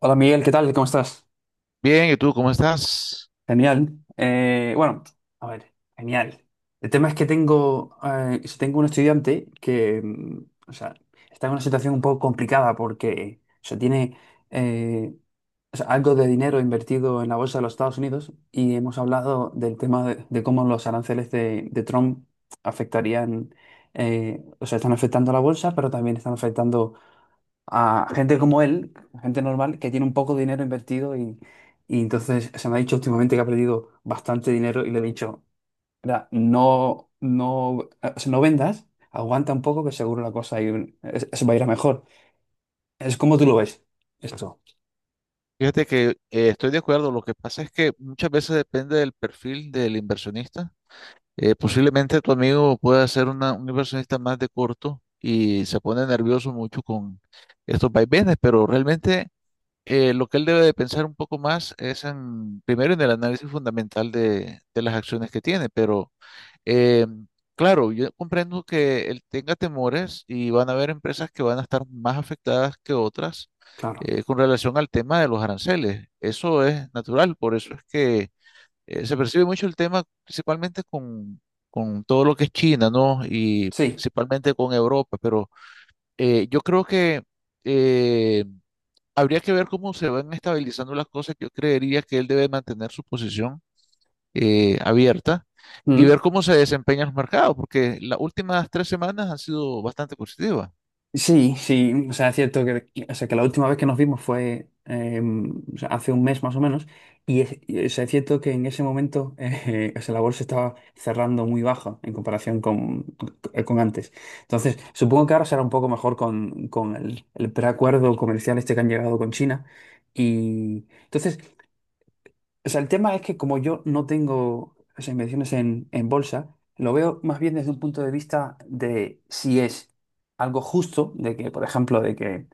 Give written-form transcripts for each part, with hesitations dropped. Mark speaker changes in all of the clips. Speaker 1: Hola Miguel, ¿qué tal? ¿Cómo estás?
Speaker 2: Bien, ¿y tú cómo estás?
Speaker 1: Genial. Bueno, a ver, genial. El tema es que tengo, si tengo un estudiante que, o sea, está en una situación un poco complicada porque, o sea, tiene eh, o sea, algo de dinero invertido en la bolsa de los Estados Unidos y hemos hablado del tema de cómo los aranceles de Trump afectarían, o sea, están afectando a la bolsa, pero también están afectando a gente como él, gente normal, que tiene un poco de dinero invertido y entonces se me ha dicho últimamente que ha perdido bastante dinero y le he dicho, "Mira, no, no, o sea, no vendas, aguanta un poco que seguro la cosa ahí, se va a ir a mejor. Es como tú lo ves, esto,
Speaker 2: Fíjate que estoy de acuerdo. Lo que pasa es que muchas veces depende del perfil del inversionista. Posiblemente tu amigo pueda ser un inversionista más de corto y se pone nervioso mucho con estos vaivenes, pero realmente lo que él debe de pensar un poco más es en, primero en el análisis fundamental de las acciones que tiene, pero Eh, claro, yo comprendo que él tenga temores y van a haber empresas que van a estar más afectadas que otras
Speaker 1: claro.
Speaker 2: con relación al tema de los aranceles. Eso es natural, por eso es que se percibe mucho el tema principalmente con todo lo que es China, ¿no? Y
Speaker 1: Sí.
Speaker 2: principalmente con Europa, pero yo creo que eh, habría que ver cómo se van estabilizando las cosas. Yo creería que él debe mantener su posición abierta y ver
Speaker 1: Mm.
Speaker 2: cómo se desempeñan los mercados, porque las últimas tres semanas han sido bastante positivas.
Speaker 1: Sí, sí, o sea, es cierto que, o sea, que la última vez que nos vimos fue o sea, hace un mes más o menos, o sea, es cierto que en ese momento o sea, la bolsa estaba cerrando muy baja en comparación con antes. Entonces, supongo que ahora será un poco mejor con el preacuerdo comercial este que han llegado con China. Y entonces, o sea, el tema es que como yo no tengo esas inversiones en bolsa, lo veo más bien desde un punto de vista de si es algo justo, de que, por ejemplo, de que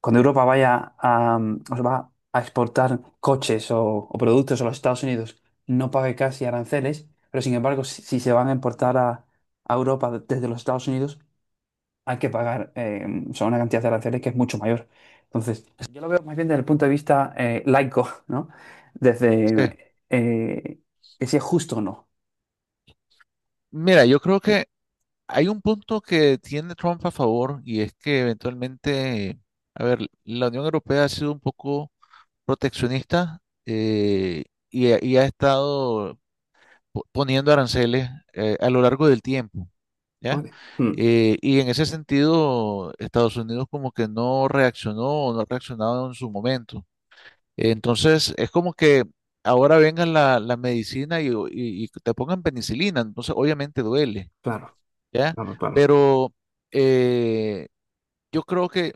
Speaker 1: cuando Europa vaya a, o sea, va a exportar coches o productos a los Estados Unidos, no pague casi aranceles, pero sin embargo, si se van a importar a Europa desde los Estados Unidos, hay que pagar o sea, una cantidad de aranceles que es mucho mayor. Entonces, yo lo veo más bien desde el punto de vista laico, ¿no?
Speaker 2: Sí.
Speaker 1: Desde que si es justo o no.
Speaker 2: Mira, yo creo que hay un punto que tiene Trump a favor y es que eventualmente, a ver, la Unión Europea ha sido un poco proteccionista y, ha estado poniendo aranceles a lo largo del tiempo. ¿Ya?
Speaker 1: Vale. Mm.
Speaker 2: Y en ese sentido, Estados Unidos como que no reaccionó o no ha reaccionado en su momento. Entonces, es como que ahora vengan la medicina y, y te pongan penicilina, entonces obviamente duele,
Speaker 1: Claro,
Speaker 2: ¿ya?
Speaker 1: claro, claro.
Speaker 2: Pero eh, yo creo que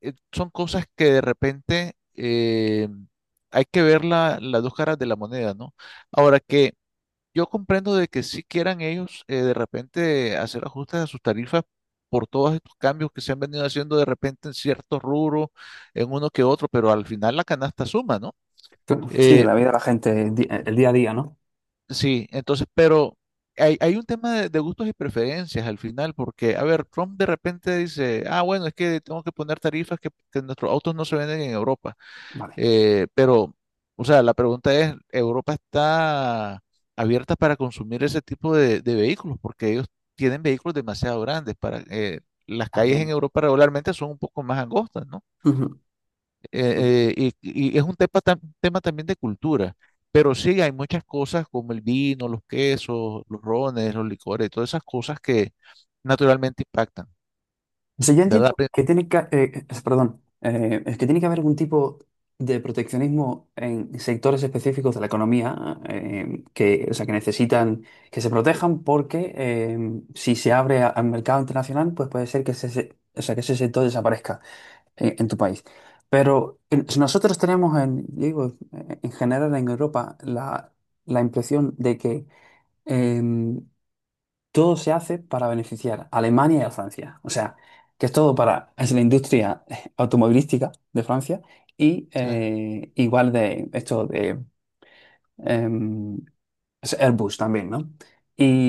Speaker 2: son cosas que de repente hay que ver las dos caras de la moneda, ¿no? Ahora que yo comprendo de que si quieran ellos de repente hacer ajustes a sus tarifas por todos estos cambios que se han venido haciendo de repente en ciertos rubros, en uno que otro, pero al final la canasta suma, ¿no?
Speaker 1: Claro. Sí,
Speaker 2: Eh,
Speaker 1: la vida de la gente, el día a día, ¿no?
Speaker 2: Sí, entonces, pero hay un tema de gustos y preferencias al final, porque, a ver, Trump de repente dice, ah, bueno, es que tengo que poner tarifas que nuestros autos no se venden en Europa.
Speaker 1: Vale.
Speaker 2: Pero, o sea, la pregunta es, ¿Europa está abierta para consumir ese tipo de vehículos? Porque ellos tienen vehículos demasiado grandes para... las calles en
Speaker 1: También.
Speaker 2: Europa regularmente son un poco más angostas, ¿no?
Speaker 1: Ujú.
Speaker 2: Y es un tema, también de cultura, pero sí hay muchas cosas como el vino, los quesos, los rones, los licores, todas esas cosas que naturalmente impactan,
Speaker 1: O sea, yo
Speaker 2: ¿verdad?
Speaker 1: entiendo que tiene que, es que tiene que haber algún tipo de proteccionismo en sectores específicos de la economía que, o sea, que necesitan que se protejan porque si se abre al mercado internacional, pues puede ser que o sea, que ese sector desaparezca en tu país. Pero si nosotros tenemos, en, digo, en general en Europa la, la impresión de que em, todo se hace para beneficiar a Alemania y a Francia. O sea, que es todo para es la industria automovilística de Francia y
Speaker 2: Sí,
Speaker 1: igual de esto de em, es Airbus también, ¿no?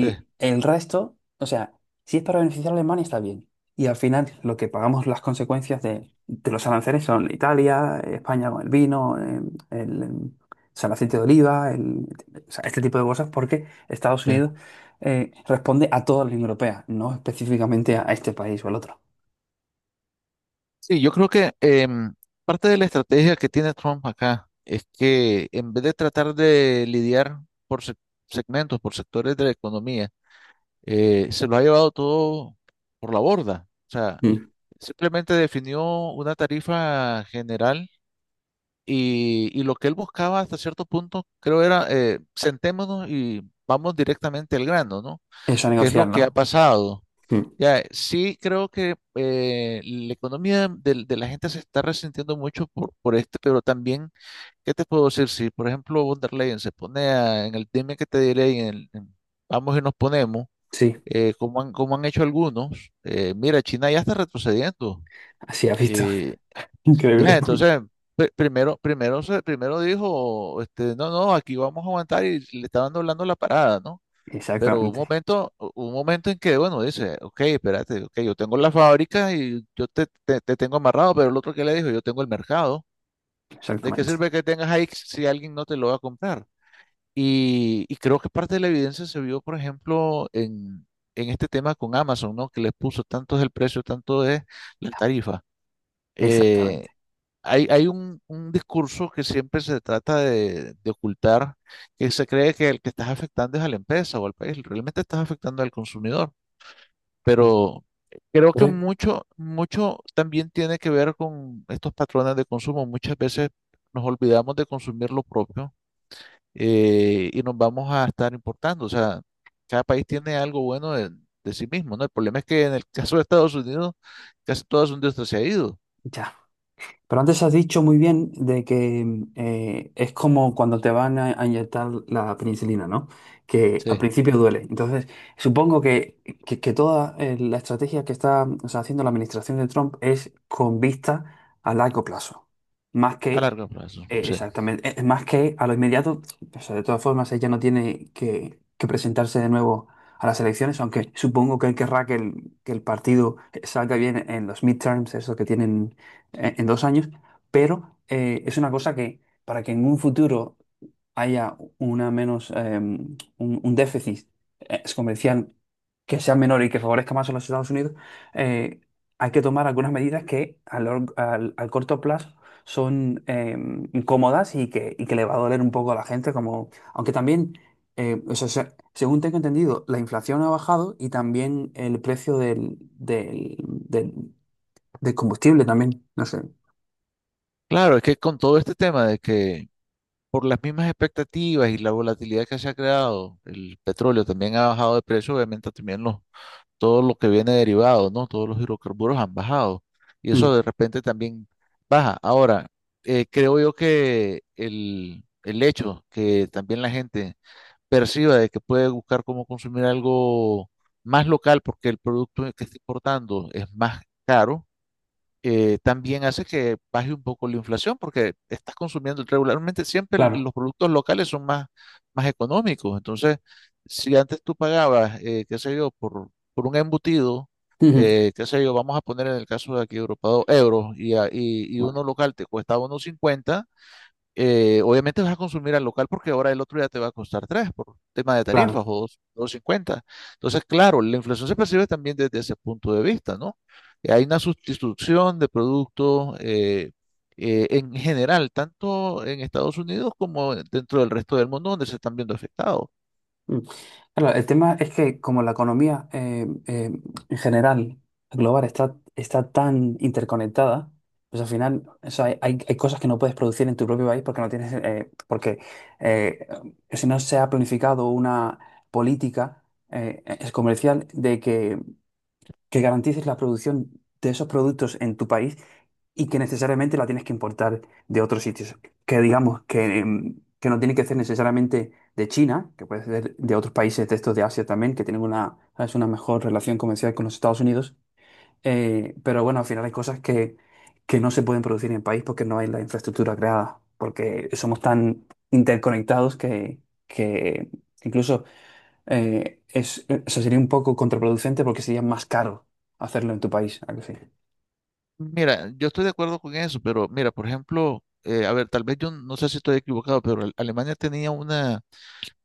Speaker 2: sí,
Speaker 1: el resto, o sea, si es para beneficiar a Alemania está bien. Y al final lo que pagamos las consecuencias de los aranceles son Italia, España con el vino, el, o sea, el aceite de oliva, o sea, este tipo de cosas, porque Estados
Speaker 2: sí.
Speaker 1: Unidos responde a toda la Unión Europea, no específicamente a este país o al otro.
Speaker 2: Sí, yo creo que em, parte de la estrategia que tiene Trump acá es que en vez de tratar de lidiar por segmentos, por sectores de la economía, se lo ha llevado todo por la borda. O sea,
Speaker 1: Mm.
Speaker 2: simplemente definió una tarifa general. Y lo que él buscaba hasta cierto punto, creo era, sentémonos y vamos directamente al grano, ¿no?
Speaker 1: Eso, a
Speaker 2: ¿Qué es lo
Speaker 1: negociar,
Speaker 2: que ha
Speaker 1: ¿no?
Speaker 2: pasado?
Speaker 1: Mm.
Speaker 2: Ya, sí creo que la economía de la gente se está resintiendo mucho por este, pero también, ¿qué te puedo decir? Si, por ejemplo, von der Leyen se pone en el dime que te diré, y en el, en vamos y nos ponemos,
Speaker 1: Sí,
Speaker 2: como han hecho algunos, mira, China ya está retrocediendo.
Speaker 1: así has visto.
Speaker 2: eh, ya,
Speaker 1: Increíble.
Speaker 2: entonces, primero, primero dijo, este, no, no, aquí vamos a aguantar y le estaban doblando la parada, ¿no? Pero un
Speaker 1: Exactamente,
Speaker 2: momento, un momento en que, bueno, dice, ok, espérate, ok, yo tengo la fábrica y yo te tengo amarrado, pero el otro que le dijo, yo tengo el mercado. ¿De qué
Speaker 1: exactamente,
Speaker 2: sirve que tengas ahí si alguien no te lo va a comprar? Y creo que parte de la evidencia se vio, por ejemplo, en este tema con Amazon, ¿no? Que les puso tanto es el precio, tanto es la tarifa. Eh,
Speaker 1: exactamente.
Speaker 2: Hay, hay un discurso que siempre se trata de ocultar, que se cree que el que estás afectando es a la empresa o al país, realmente estás afectando al consumidor,
Speaker 1: Mm.
Speaker 2: pero creo que
Speaker 1: Pero
Speaker 2: mucho, mucho también tiene que ver con estos patrones de consumo. Muchas veces nos olvidamos de consumir lo propio y nos vamos a estar importando, o sea, cada país tiene algo bueno de sí mismo, ¿no? El problema es que en el caso de Estados Unidos, casi toda su industria se ha ido,
Speaker 1: ya. Pero antes has dicho muy bien de que es como cuando te van a inyectar la penicilina, ¿no? Que al
Speaker 2: sí,
Speaker 1: principio duele. Entonces, supongo que, que toda la estrategia que está o sea, haciendo la administración de Trump es con vista a largo plazo, más
Speaker 2: a
Speaker 1: que
Speaker 2: largo plazo, sí.
Speaker 1: más que a lo inmediato. O sea, de todas formas, ella no tiene que presentarse de nuevo a las elecciones, aunque supongo que él querrá que que el partido salga bien en los midterms, eso que tienen en 2 años, pero es una cosa que para que en un futuro haya una menos, un déficit comercial que sea menor y que favorezca más a los Estados Unidos, eh, hay que tomar algunas medidas que al, al corto plazo son incómodas y que le va a doler un poco a la gente, como, aunque también, o sea, según tengo entendido, la inflación ha bajado y también el precio del combustible también, no sé.
Speaker 2: Claro, es que con todo este tema de que por las mismas expectativas y la volatilidad que se ha creado, el petróleo también ha bajado de precio, obviamente también los, todo lo que viene derivado, ¿no? Todos los hidrocarburos han bajado y eso
Speaker 1: Mm,
Speaker 2: de repente también baja. Ahora, creo yo que el hecho que también la gente perciba de que puede buscar cómo consumir algo más local porque el producto que está importando es más caro también hace que baje un poco la inflación porque estás consumiendo regularmente, siempre
Speaker 1: claro.
Speaker 2: los productos locales son más, más económicos. Entonces, si antes tú pagabas, qué sé yo, por un embutido,
Speaker 1: Ujú.
Speaker 2: qué sé yo, vamos a poner en el caso de aquí de Europa, dos euros y
Speaker 1: Bueno,
Speaker 2: uno local te cuesta uno cincuenta, obviamente vas a consumir al local porque ahora el otro ya te va a costar 3 por tema de tarifas
Speaker 1: claro.
Speaker 2: o dos cincuenta. Entonces, claro, la inflación se percibe también desde ese punto de vista, ¿no? Hay una sustitución de productos en general, tanto en Estados Unidos como dentro del resto del mundo donde se están viendo afectados.
Speaker 1: Mm. Claro, el tema es que como la economía en general, global, está, está tan interconectada, pues al final o sea, hay, hay cosas que no puedes producir en tu propio país porque no tienes, porque eh, si no se ha planificado una política es comercial de que garantices la producción de esos productos en tu país y que necesariamente la tienes que importar de otros sitios. Que digamos que, que no tiene que ser necesariamente de China, que puede ser de otros países de estos de Asia también, que tienen una, ¿sabes?, una mejor relación comercial con los Estados Unidos. Pero bueno, al final hay cosas que no se pueden producir en el país porque no hay la infraestructura creada, porque somos tan interconectados que incluso o sea, sería un poco contraproducente porque sería más caro hacerlo en tu país, ¿a que sí?
Speaker 2: Mira, yo estoy de acuerdo con eso, pero mira, por ejemplo, a ver, tal vez yo no sé si estoy equivocado, pero Alemania tenía una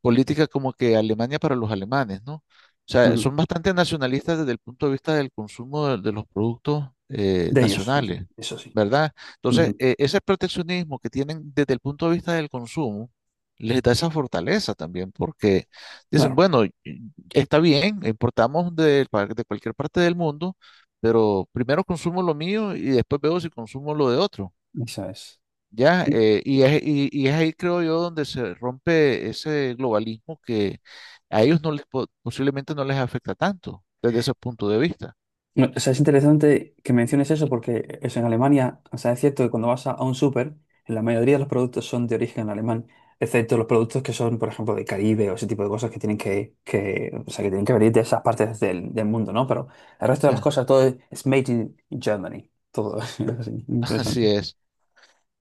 Speaker 2: política como que Alemania para los alemanes, ¿no? O sea,
Speaker 1: Ujú.
Speaker 2: son bastante nacionalistas desde el punto de vista del consumo de los productos
Speaker 1: De ellos,
Speaker 2: nacionales,
Speaker 1: eso sí,
Speaker 2: ¿verdad? Entonces,
Speaker 1: ujú.
Speaker 2: ese proteccionismo que tienen desde el punto de vista del consumo les da esa fortaleza también, porque dicen,
Speaker 1: Claro,
Speaker 2: bueno, y está bien, importamos de, de cualquier parte del mundo, pero primero consumo lo mío y después veo si consumo lo de otro.
Speaker 1: eso es.
Speaker 2: ¿Ya?
Speaker 1: Sí.
Speaker 2: Y es, y es ahí, creo yo, donde se rompe ese globalismo que a ellos no les, posiblemente no les afecta tanto desde ese punto de vista.
Speaker 1: No, o sea, es interesante que menciones eso porque es en Alemania, o sea, es cierto que cuando vas a un súper, en la mayoría de los productos son de origen alemán, excepto los productos que son, por ejemplo, de Caribe o ese tipo de cosas que tienen que, o sea, que tienen que venir de esas partes del, del mundo, ¿no? Pero el resto de
Speaker 2: Sí.
Speaker 1: las cosas, todo es made in Germany, todo es así,
Speaker 2: Así
Speaker 1: interesante.
Speaker 2: es,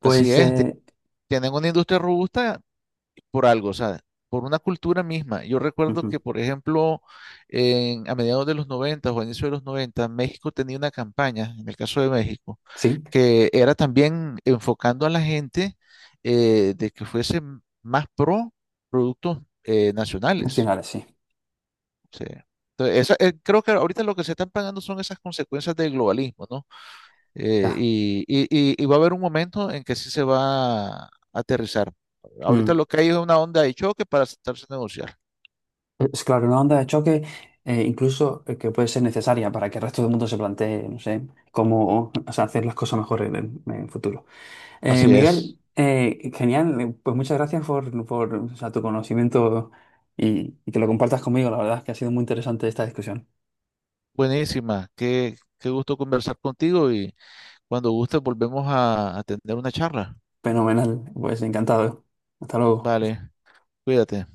Speaker 2: así
Speaker 1: Pues
Speaker 2: es.
Speaker 1: eh.
Speaker 2: Tienen una industria robusta por algo, o sea, por una cultura misma. Yo recuerdo que,
Speaker 1: Ujú.
Speaker 2: por ejemplo, a mediados de los 90 o a inicios de los 90 México tenía una campaña, en el caso de México
Speaker 1: Sí,
Speaker 2: que era también enfocando a la gente de que fuese más pro productos nacionales.
Speaker 1: nacionales, sí.
Speaker 2: O sea, entonces, creo que ahorita lo que se están pagando son esas consecuencias del globalismo, ¿no?
Speaker 1: Ya.
Speaker 2: Y, y va a haber un momento en que sí se va a aterrizar. Ahorita
Speaker 1: Mm.
Speaker 2: lo que hay es una onda de choque para sentarse a negociar.
Speaker 1: Es claro, una onda de choque incluso que puede ser necesaria para que el resto del mundo se plantee, no sé, cómo o sea, hacer las cosas mejor en en el futuro.
Speaker 2: Así es.
Speaker 1: Miguel, genial, pues muchas gracias por, o sea, tu conocimiento y que lo compartas conmigo. La verdad es que ha sido muy interesante esta discusión.
Speaker 2: Buenísima. Qué, qué gusto conversar contigo y cuando gustes volvemos a tener una charla.
Speaker 1: Fenomenal, pues encantado. Hasta luego.
Speaker 2: Vale, cuídate.